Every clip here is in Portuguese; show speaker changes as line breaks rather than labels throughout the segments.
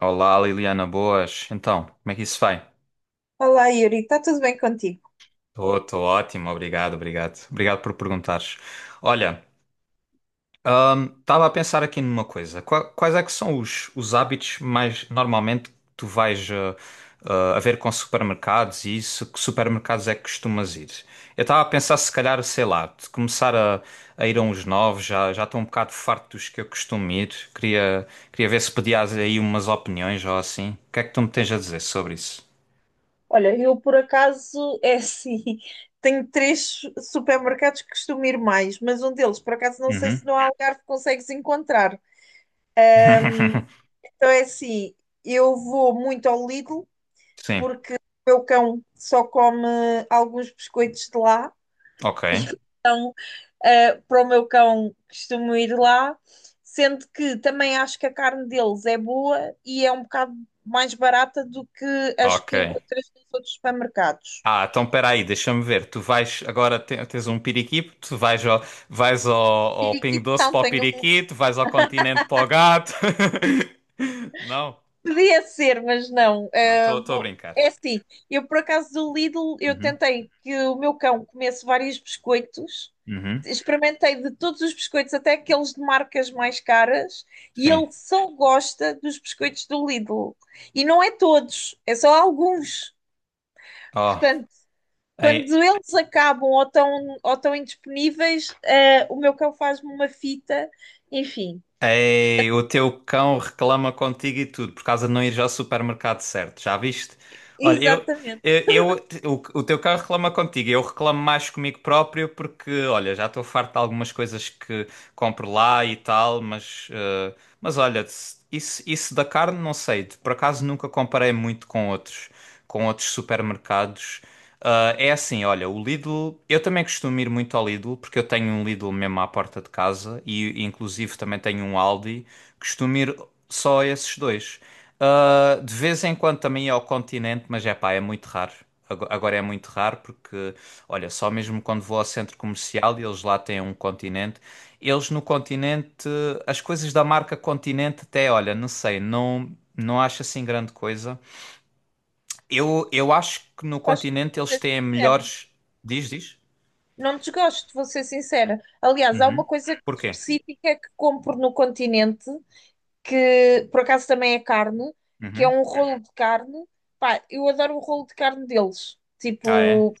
Olá, Liliana, boas. Então, como é que isso vai?
Olá, Yuri, está tudo bem contigo?
Estou ótimo, obrigado. Obrigado por perguntares. Olha, estava a pensar aqui numa coisa. Quais é que são os hábitos mais normalmente que tu vais a ver com supermercados e isso? Que supermercados é que costumas ir? Eu estava a pensar se calhar, sei lá, de começar a ir a uns novos, já já estou um bocado farto dos que eu costumo ir. Queria, queria ver se pedias aí umas opiniões ou assim. O que é que tu me tens a dizer sobre isso?
Olha, eu por acaso é assim, tenho três supermercados que costumo ir mais, mas um deles, por acaso, não sei se
Uhum.
no Algarve consegues encontrar. Então é assim, eu vou muito ao Lidl
Sim,
porque o meu cão só come alguns biscoitos de lá,
ok,
então para o meu cão costumo ir lá, sendo que também acho que a carne deles é boa e é um bocado mais barata do que as
ok.
que encontras nos outros supermercados.
Ah, então espera aí, deixa-me ver. Tu vais agora tens um piriquito tu vais vais ao Pingo Doce
Periquitão,
para o
tenho um.
piriqui, tu vais ao Continente para o gato. Não,
Podia ser, mas não.
não,
Ah,
estou a brincar.
é assim, eu por acaso do Lidl, eu
Uhum,
tentei que o meu cão comesse vários biscoitos,
uhum,
experimentei de todos os biscoitos, até aqueles de marcas mais caras, e
sim.
ele só gosta dos biscoitos do Lidl. E não é todos, é só alguns.
Oh,
Portanto, quando eles acabam ou estão indisponíveis, o meu cão faz-me uma fita, enfim,
ei, o teu cão reclama contigo e tudo por causa de não ir ao supermercado certo, já viste? Olha,
exatamente.
eu, o teu cão reclama contigo, eu reclamo mais comigo próprio porque, olha, já estou farto de algumas coisas que compro lá e tal, mas, mas olha, isso, isso da carne não sei, por acaso nunca comparei muito com outros supermercados. Ah, é assim, olha, o Lidl, eu também costumo ir muito ao Lidl, porque eu tenho um Lidl mesmo à porta de casa e inclusive também tenho um Aldi, costumo ir só a esses dois. Ah, de vez em quando também ia ao Continente, mas é pá, é muito raro. Agora é muito raro porque, olha, só mesmo quando vou ao centro comercial e eles lá têm um Continente, eles no Continente, as coisas da marca Continente até, olha, não sei, não, não acho assim grande coisa. Eu acho que no
Gosto
continente eles
de ser
têm
sincera.
melhores. Diz, diz?
Não desgosto, vou ser sincera. Aliás, há
Uhum.
uma coisa
Porquê?
específica que compro no Continente, que por acaso também é carne, que é
Uhum.
um rolo de carne. Pá, eu adoro o rolo de carne deles.
Ah, é?
Tipo,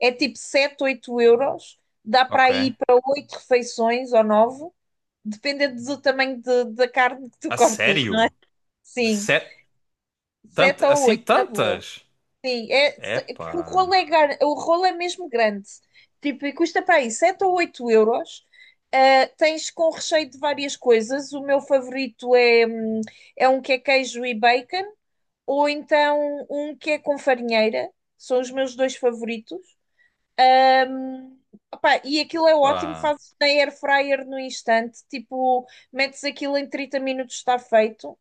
é tipo 7, 8 euros. Dá
Ok.
para ir para 8 refeições ou 9 dependendo do tamanho da carne que tu
A
cortas, não é?
sério?
Sim,
Sé-
7 ou
Assim
8 na boa.
tantas?
Sim, é porque o rolo
Epá,
é mesmo grande. Tipo, e custa para aí 7 ou 8 euros. Ah, tens com recheio de várias coisas. O meu favorito é um que é queijo e bacon, ou então um que é com farinheira. São os meus dois favoritos. Ahm, opá, e aquilo é ótimo,
pá,
fazes na air fryer no instante. Tipo, metes aquilo em 30 minutos, está feito.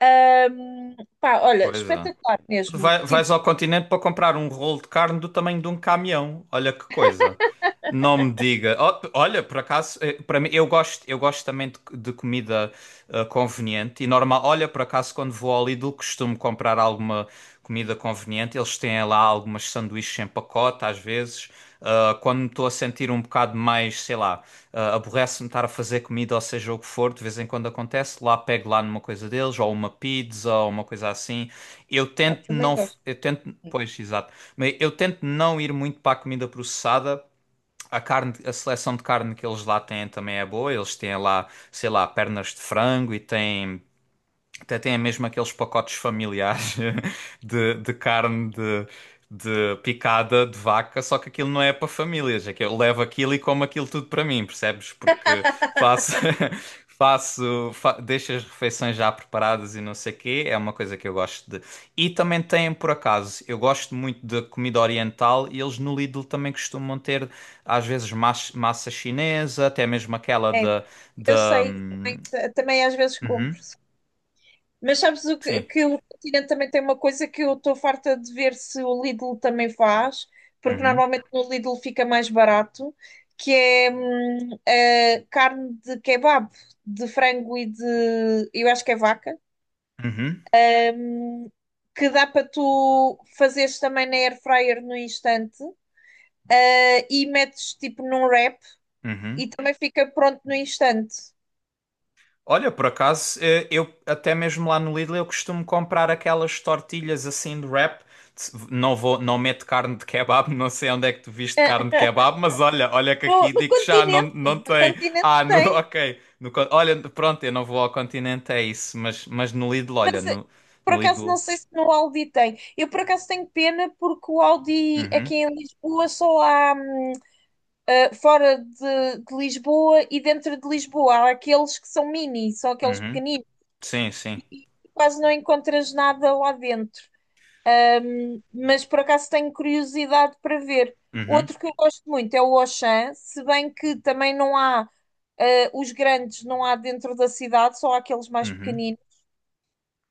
Pá,
que
olha,
coisa.
espetacular mesmo.
Vais
Tipo,
ao continente para comprar um rolo de carne do tamanho de um caminhão. Olha que coisa. Não me diga. Ó, olha, por acaso, para mim, eu gosto também de comida conveniente e normal. Olha, por acaso, quando vou ao Lidl, costumo comprar alguma comida conveniente. Eles têm lá algumas sanduíches em pacote, às vezes. Ah, quando me estou a sentir um bocado mais, sei lá, aborrece-me estar a fazer comida, ou seja o que for, de vez em quando acontece, lá pego lá numa coisa deles, ou uma pizza, ou uma coisa assim. Eu
pá,
tento
também
não, f-
gosto.
eu tento, pois, exato, mas eu tento não ir muito para a comida processada. A carne, a seleção de carne que eles lá têm também é boa. Eles têm lá, sei lá, pernas de frango e têm até tem mesmo aqueles pacotes familiares de carne de picada de vaca, só que aquilo não é para famílias. É que eu levo aquilo e como aquilo tudo para mim, percebes? Porque faço, faço, fa deixo as refeições já preparadas e não sei o quê. É uma coisa que eu gosto de. E também tem, por acaso, eu gosto muito de comida oriental e eles no Lidl também costumam ter, às vezes, massa chinesa, até mesmo aquela
É,
da.
eu
da...
sei,
hum,
também às vezes
Uhum,
compro. Mas sabes o que,
sim.
que o Continente também tem uma coisa que eu estou farta de ver se o Lidl também faz, porque
Uhum.
normalmente no Lidl fica mais barato, que é a carne de kebab, de frango e eu acho que é vaca,
Uhum,
hum, que dá para tu fazeres também na air fryer no instante, e metes tipo num wrap.
uhum.
E também fica pronto no instante.
Olha, por acaso, eu até mesmo lá no Lidl eu costumo comprar aquelas tortilhas assim de wrap. Não vou, não meto carne de kebab, não sei onde é que tu viste
Ah,
carne de kebab, mas olha, olha que
No,
aqui
no
digo-te já, não,
continente,
não
no
tem.
Continente
Ah, no,
tem.
ok. No con- olha, pronto, eu não vou ao continente, é isso, mas no Lidl, olha, no,
Por
no
acaso
Lidl.
não sei se no Aldi tem. Eu por acaso tenho pena porque o Aldi
Uhum,
aqui em Lisboa só há fora de Lisboa e dentro de Lisboa. Há aqueles que são mini, são aqueles
uhum.
pequeninos.
Sim, sim.
Quase não encontras nada lá dentro. Mas por acaso tenho curiosidade para ver.
Uhum,
Outro que eu gosto muito é o Auchan, se bem que também não há os grandes, não há dentro da cidade, só há aqueles mais
uhum.
pequeninos.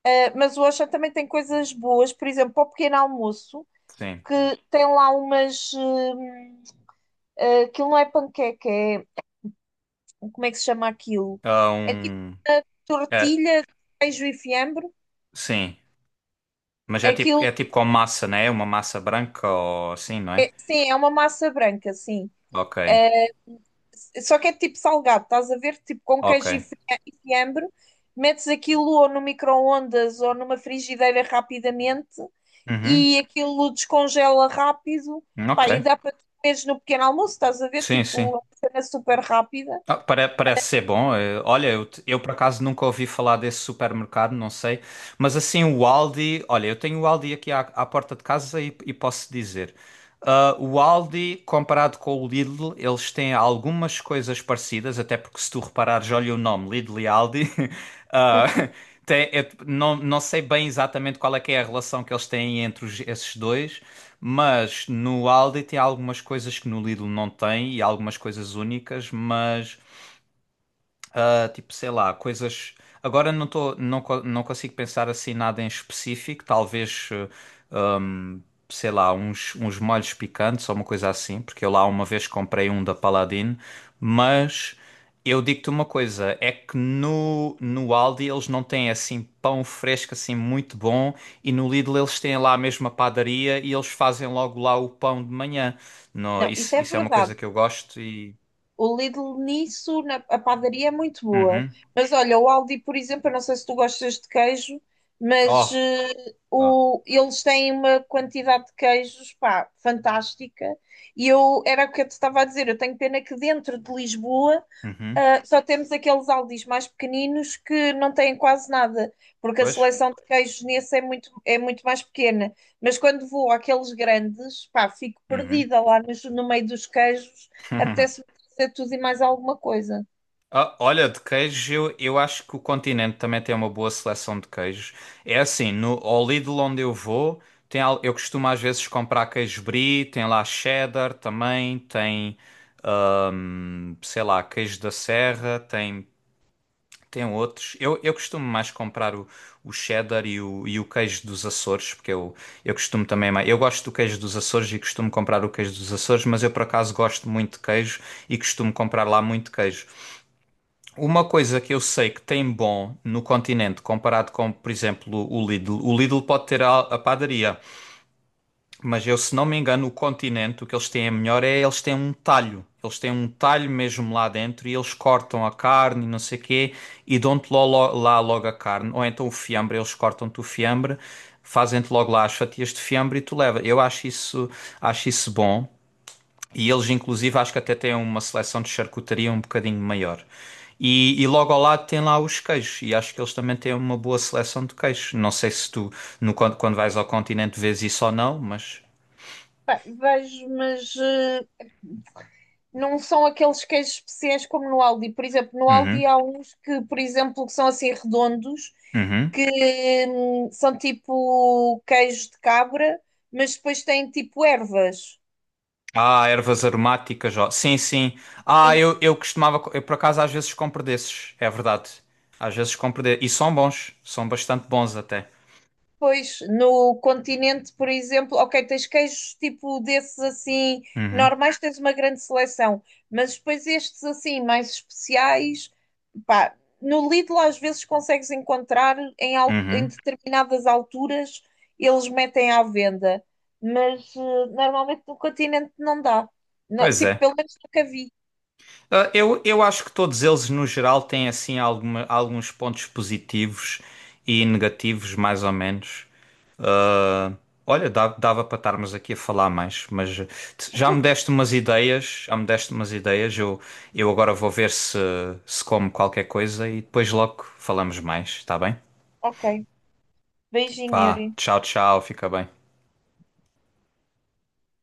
Mas o Auchan também tem coisas boas, por exemplo, para o pequeno almoço,
Sim.
que tem lá umas. Aquilo não é panqueca, é. Como é que se chama aquilo?
Ah,
É tipo
um. É,
tortilha, de queijo e fiambre.
sim. Mas
Aquilo,
é tipo com massa, né? Uma massa branca ou assim, não é?
sim, é uma massa branca, sim.
Ok,
Só que é tipo salgado, estás a ver? Tipo com
ok.
queijo e fiambre, metes aquilo ou no micro-ondas ou numa frigideira rapidamente
Uhum,
e aquilo descongela rápido,
ok.
pá, e dá para tu comeres no pequeno almoço, estás a ver?
Sim, sim.
Tipo, é uma cena super rápida.
Ah, parece ser bom. Olha, eu por acaso nunca ouvi falar desse supermercado, não sei. Mas assim, o Aldi. Olha, eu tenho o Aldi aqui à porta de casa e posso dizer. Ah, o Aldi, comparado com o Lidl, eles têm algumas coisas parecidas, até porque se tu reparares, olha o nome, Lidl e Aldi. ah, não, não sei bem exatamente qual é que é a relação que eles têm entre esses dois, mas no Aldi tem algumas coisas que no Lidl não tem e algumas coisas únicas, mas. Ah, tipo, sei lá, coisas. Agora não tô, não consigo pensar assim nada em específico. Talvez, hum, sei lá, uns molhos picantes ou uma coisa assim, porque eu lá uma vez comprei um da Paladine. Mas eu digo-te uma coisa: é que no Aldi eles não têm assim pão fresco, assim muito bom, e no Lidl eles têm lá a mesma padaria e eles fazem logo lá o pão de manhã. No,
Não, isso
isso,
é
isso é uma
verdade.
coisa que eu gosto e.
O Lidl nisso, a padaria é muito boa.
Uhum.
Mas olha, o Aldi, por exemplo, eu não sei se tu gostas de queijo, mas
Oh! Oh.
eles têm uma quantidade de queijos, pá, fantástica. E eu, era o que eu te estava a dizer, eu tenho pena que dentro de Lisboa
Uhum.
Só temos aqueles Aldis mais pequeninos que não têm quase nada, porque a
Pois.
seleção de queijos nesse é muito mais pequena. Mas quando vou àqueles grandes, pá, fico
Uhum.
perdida lá no meio dos queijos, apetece-me fazer tudo e mais alguma coisa.
Ah, olha, de queijos eu acho que o Continente também tem uma boa seleção de queijos. É assim, no, ao Lidl onde eu vou, tem, eu costumo às vezes comprar queijo brie, tem lá cheddar também, tem, sei lá, queijo da serra, tem, tem outros. Eu costumo mais comprar o cheddar e o queijo dos Açores, porque eu costumo também mais. Eu gosto do queijo dos Açores e costumo comprar o queijo dos Açores, mas eu por acaso gosto muito de queijo e costumo comprar lá muito queijo. Uma coisa que eu sei que tem bom no continente comparado com, por exemplo, o Lidl. O Lidl pode ter a padaria. Mas eu, se não me engano, o continente, o que eles têm é melhor é eles têm um talho. Eles têm um talho mesmo lá dentro e eles cortam a carne e não sei quê e dão-te lá logo a carne. Ou então o fiambre, eles cortam-te o fiambre, fazem-te logo lá as fatias de fiambre e tu leva. Eu acho isso bom. E eles, inclusive, acho que até têm uma seleção de charcutaria um bocadinho maior. E logo ao lado tem lá os queijos, e acho que eles também têm uma boa seleção de queijos. Não sei se tu, no, quando vais ao continente, vês isso ou não, mas.
Pá, vejo, mas não são aqueles queijos especiais como no Aldi. Por exemplo, no Aldi
Uhum,
há uns que, por exemplo, que são assim redondos,
uhum.
que são tipo queijos de cabra, mas depois têm tipo ervas.
Ah, ervas aromáticas, ó. Sim, sim. Ah, eu costumava, eu por acaso às vezes compro desses, é verdade. Às vezes compro desses. E são bons, são bastante bons até.
Pois, no Continente, por exemplo, ok, tens queijos tipo desses assim,
Uhum,
normais, tens uma grande seleção, mas depois estes assim, mais especiais, pá, no Lidl às vezes consegues encontrar em
uhum.
determinadas alturas, eles metem à venda, mas normalmente no Continente não dá.
Pois
Tipo,
é.
pelo menos nunca vi.
Ah, eu acho que todos eles, no geral, têm assim alguns pontos positivos e negativos, mais ou menos. Ah, olha, dava para estarmos aqui a falar mais, mas já me deste umas ideias, já me deste umas ideias. Eu agora vou ver se como qualquer coisa e depois logo falamos mais, está bem?
Ok. Beijinho, Yuri.
Vá, tchau, tchau, fica bem.